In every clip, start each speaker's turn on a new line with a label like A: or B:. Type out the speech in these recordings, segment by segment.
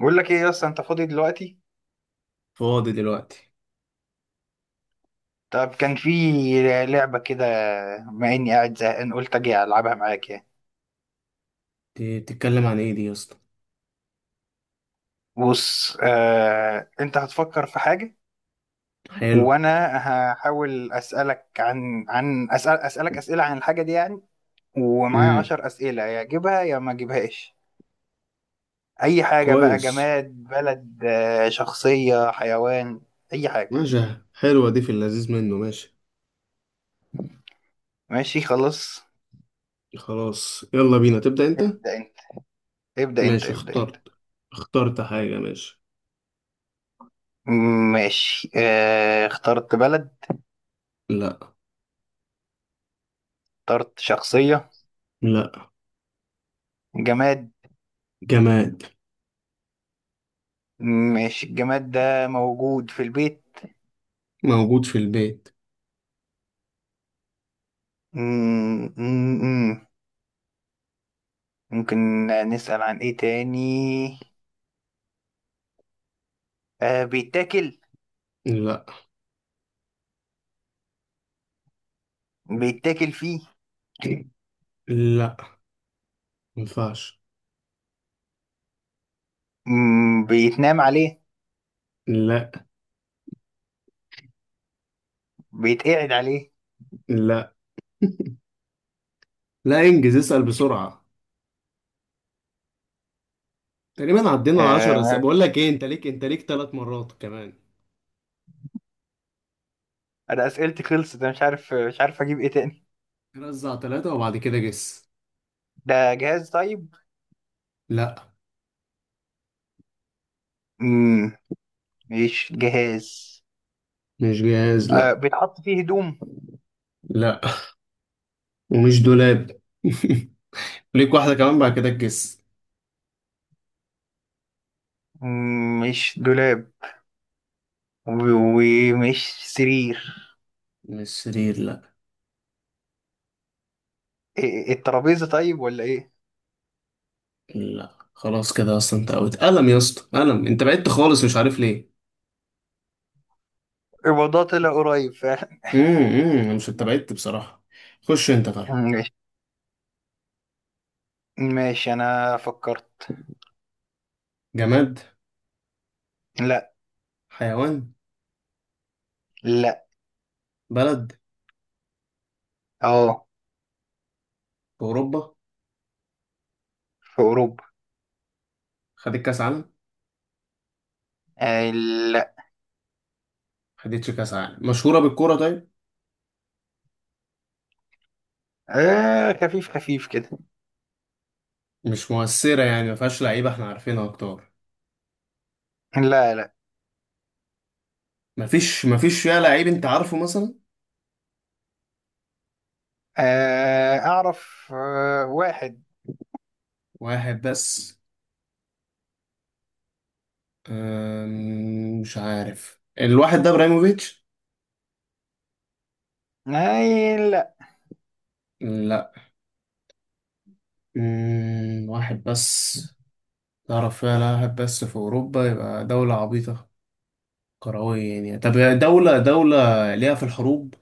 A: بقول لك ايه يا اسطى، انت فاضي دلوقتي؟
B: فاضي دلوقتي.
A: طب كان في لعبه كده. بما اني قاعد زهقان، قلت اجي العبها معاك يعني.
B: دي بتتكلم عن ايه دي يا اسطى؟
A: بص. انت هتفكر في حاجه،
B: حلو.
A: وانا هحاول اسالك اسئله عن الحاجه دي يعني. ومعايا
B: امم.
A: 10 اسئله، يا اجيبها يا ما اجيبهاش. اي حاجه بقى،
B: كويس.
A: جماد، بلد، شخصيه، حيوان، اي حاجه.
B: ماشي. حلوة دي، في اللذيذ منه. ماشي،
A: ماشي، خلاص.
B: خلاص يلا بينا، تبدأ انت.
A: ابدا انت، ابدا انت،
B: ماشي،
A: ابدا انت.
B: اخترت اخترت حاجة. ماشي.
A: ماشي. اخترت بلد؟
B: لا.
A: اخترت شخصية؟
B: لا،
A: جماد؟
B: جماد.
A: ماشي. الجماد ده موجود في البيت؟
B: موجود في البيت.
A: مم، مم، مم. ممكن نسأل عن ايه تاني. بيتاكل؟
B: لا.
A: بيتاكل فيه؟
B: لا، مينفعش.
A: بيتنام عليه؟
B: لا.
A: بيتقعد عليه؟
B: لا، لا انجز اسأل بسرعة. تقريبا عدينا على
A: آه
B: 10 اسئلة.
A: ما-
B: بقول لك ايه، انت ليك ثلاث مرات كمان.
A: انا اسئلتي خلصت، انا مش عارف اجيب ايه تاني.
B: رزع ثلاثة وبعد كده جس.
A: ده جهاز طيب؟
B: لا،
A: مم، مش جهاز.
B: مش جاهز. لا.
A: بيتحط فيه هدوم؟
B: لا، ومش دولاب ليك واحدة كمان بعد كده الجس.
A: مش دولاب. و- ومش سرير.
B: من السرير، لا.
A: إيه الترابيزة طيب ولا ايه؟
B: لا خلاص كده، اصلا انت اوت قلم يا اسطى، قلم، انت بعدت خالص مش عارف ليه.
A: الموضوع طلع قريب فعلا.
B: أمم، مش انت بعدت بصراحة. خش انت طيب.
A: ماشي، ماشي. انا فكرت.
B: جماد؟
A: لا.
B: حيوان؟
A: لا.
B: بلد؟
A: اه.
B: في اوروبا؟
A: في اوروبا.
B: خدت كاس عالم؟
A: آه لا.
B: خدتش كاس عالم؟ مشهورة بالكورة طيب؟
A: خفيف خفيف كده.
B: مش مؤثرة يعني، ما فيهاش لعيبة احنا عارفينها اكتر؟
A: لا، لا.
B: ما فيش فيها لعيب انت عارفه مثلا؟
A: اعرف، واحد.
B: واحد بس؟ مش عارف الواحد ده، ابراهيموفيتش؟
A: لا.
B: لا. مم، واحد بس. تعرف فيها لا واحد بس في أوروبا، يبقى دولة عبيطة كروية يعني. طب دولة ليها في الحروب؟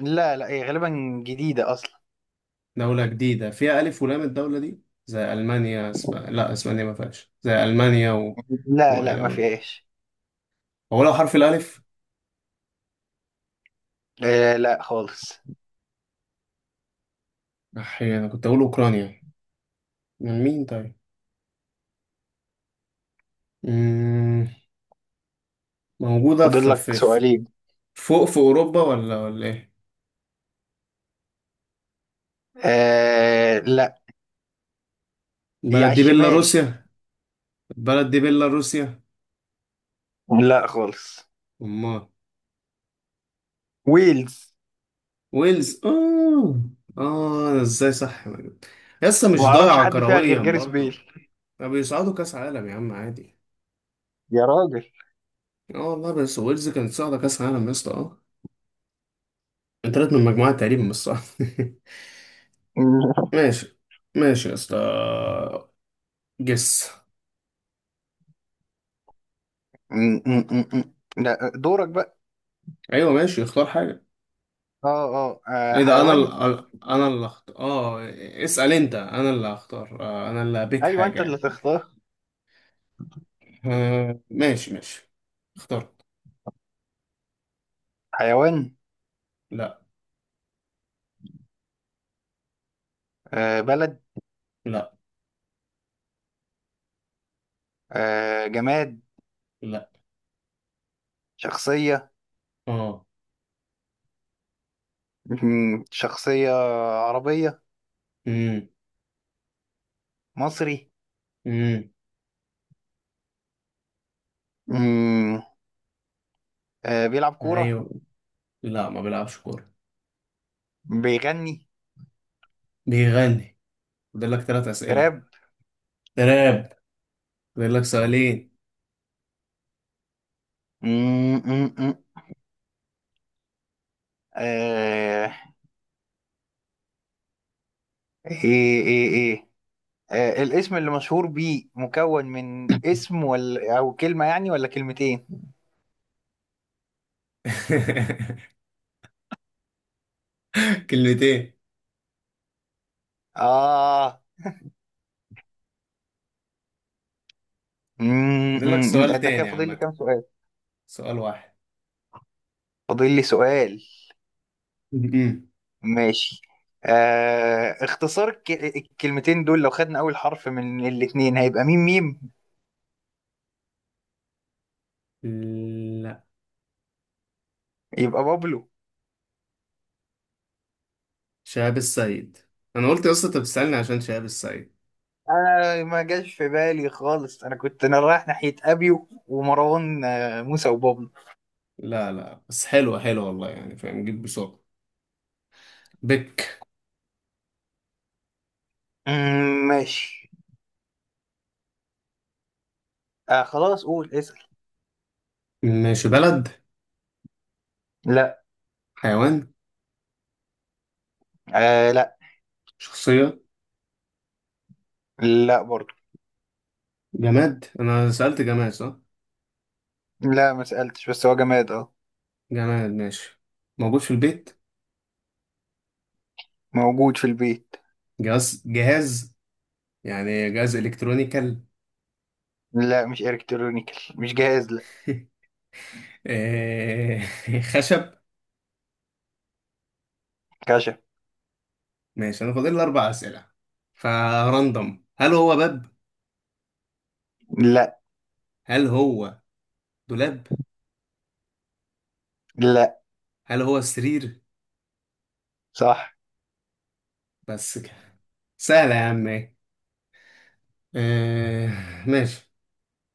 A: لا، لا. هي غالبا جديدة اصلا.
B: دولة جديدة؟ فيها ألف ولام الدولة دي زي ألمانيا. لا، أسبانيا ما فيهاش، زي ألمانيا
A: لا،
B: إيه
A: لا، ما
B: ده؟
A: فيهاش.
B: هو لو حرف الألف،
A: لا خالص.
B: أحيانا أنا كنت أقول أوكرانيا. من مين طيب؟ مم، موجودة
A: فاضل
B: في...
A: لك
B: في... في
A: سؤالين.
B: فوق في أوروبا ولا إيه؟
A: لا. هي على
B: البلد دي
A: الشمال.
B: بيلاروسيا؟ البلد دي بيلاروسيا؟
A: لا خالص.
B: أمال؟
A: ويلز.
B: ويلز؟ اه. اه أنا ازاي صح؟ لسه
A: ما
B: مش
A: اعرفش
B: ضايعة
A: حد فيها غير
B: كرويا
A: جاريس
B: برضو،
A: بيل.
B: ما بيصعدوا كاس عالم يا عم عادي.
A: يا راجل.
B: اه والله، بس ويلز كانت صاعدة كاس عالم يا اسطى، اه. انترت من المجموعة تقريبا، مش صح؟
A: م-
B: ماشي. ماشي يا اسطى، جس.
A: م- م- م. لا، دورك بقى.
B: ايوه ماشي، اختار حاجة.
A: اه، اه.
B: ايه ده، انا
A: حيوان؟
B: اللي انا اللي اختار؟ اه، اسأل انت، انا اللي هختار. انا اللي هبيك
A: ايوه
B: حاجة
A: انت اللي
B: يعني.
A: تختار.
B: آه، ماشي ماشي. اخترت.
A: حيوان؟
B: لا.
A: بلد؟
B: لا.
A: جماد؟
B: لا.
A: شخصية؟
B: اه.
A: شخصية عربية؟ مصري؟
B: امم.
A: م- بيلعب كورة؟
B: ايوه. لا، ما بيلعبش كورة.
A: بيغني
B: بيغني. فاضل لك ثلاث أسئلة.
A: راب؟
B: تراب. فاضل لك سؤالين.
A: م- م- م. آه ايه، ايه، ايه. الاسم اللي مشهور بيه مكون من اسم ولا كلمة يعني ولا كلمتين؟
B: كلمتين.
A: اه.
B: فاضل لك
A: أمم،
B: سؤال
A: ده كده
B: تاني
A: فاضل لي
B: عامة،
A: كام سؤال؟
B: سؤال واحد.
A: فاضل لي سؤال.
B: م-م.
A: ماشي. اختصار الكلمتين دول، لو خدنا اول حرف من الاتنين، هيبقى MM.
B: لا.
A: يبقى بابلو.
B: شهاب السيد. انا قلت يا اسطى انت بتسألني عشان شهاب السيد.
A: انا ما جاش في بالي خالص، انا رايح ناحية ابيو ومروان، موسى وبابلو.
B: لا لا، بس حلوة حلوة والله، يعني فاهم، جيت بسرعة بك.
A: ماشي. خلاص قول اسأل.
B: ماشي. بلد؟
A: لا.
B: حيوان؟
A: لا.
B: شخصية؟
A: لا برضو.
B: جماد؟ انا سألت جماد صح؟
A: لا، ما سألتش، بس هو جماد، اه.
B: جماد، ماشي. موجود في البيت.
A: موجود في البيت.
B: جهاز، جهاز يعني، جهاز الكترونيكال؟
A: لا، مش الكترونيكال، مش جهاز، لا.
B: آه، خشب.
A: كشف.
B: ماشي انا فاضل لي اربع اسئله، فراندوم، هل هو باب؟
A: لا،
B: هل هو دولاب؟
A: لا.
B: هل هو سرير؟
A: صح.
B: بس كده؟ سهله يا عم إيه. آه، ماشي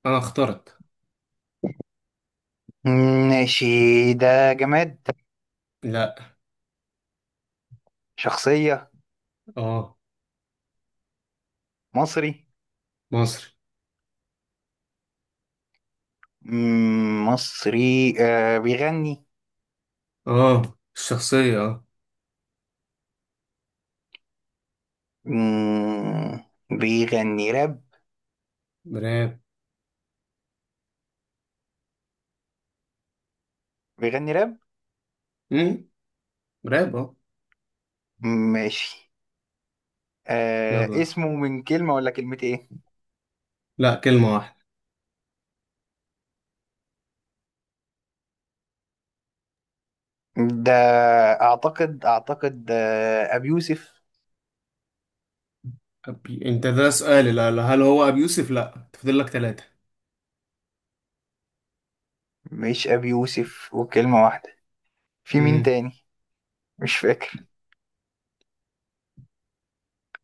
B: انا اخترت.
A: ماشي. ده جماد؟
B: لا.
A: شخصية؟
B: اه.
A: مصري؟
B: مصري.
A: مصري. بيغني؟
B: اه. الشخصيه اه.
A: مم، بيغني راب؟
B: براب.
A: بيغني راب؟
B: امم. براب اه.
A: ماشي.
B: يلا.
A: اسمه من كلمة ولا كلمة، ايه؟
B: لا، كلمه واحده.
A: ده اعتقد، اعتقد ابي يوسف.
B: انت ده سؤال، لا لا، هل هو ابي يوسف؟ لا، تفضل لك ثلاثه.
A: مش ابي يوسف، وكلمة واحدة. في مين
B: امم.
A: تاني؟ مش فاكر.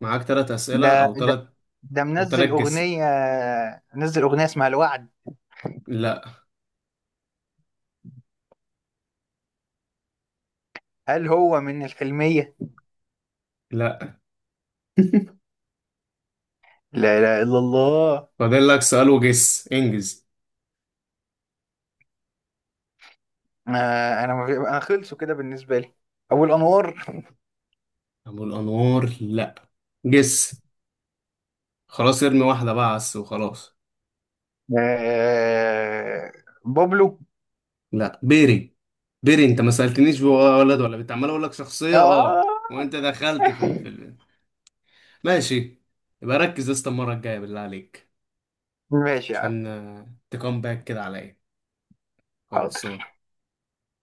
B: معاك ثلاث اسئله
A: ده
B: او
A: ده
B: ثلاث
A: ده
B: او تلات
A: منزل
B: جس.
A: اغنية. منزل اغنية اسمها الوعد.
B: لا.
A: هل هو من الحلمية؟
B: لا.
A: لا إله إلا الله.
B: فاضل لك سؤال وجس انجز.
A: آه أنا ما في- أنا خلصوا كده بالنسبة لي. أبو الأنوار.
B: ابو الانوار؟ لا. جس خلاص، ارمي واحده بقى، عس وخلاص.
A: آه بابلو.
B: لا، بيري. بيري، انت ما سالتنيش هو ولد ولا بنت، عمال اقول لك شخصيه
A: آه
B: اه، وانت دخلت ماشي. يبقى ركز يا اسطى المره الجايه بالله عليك،
A: ماشي يا عم.
B: عشان تكون باك كده عليا.
A: حاضر.
B: خلاص.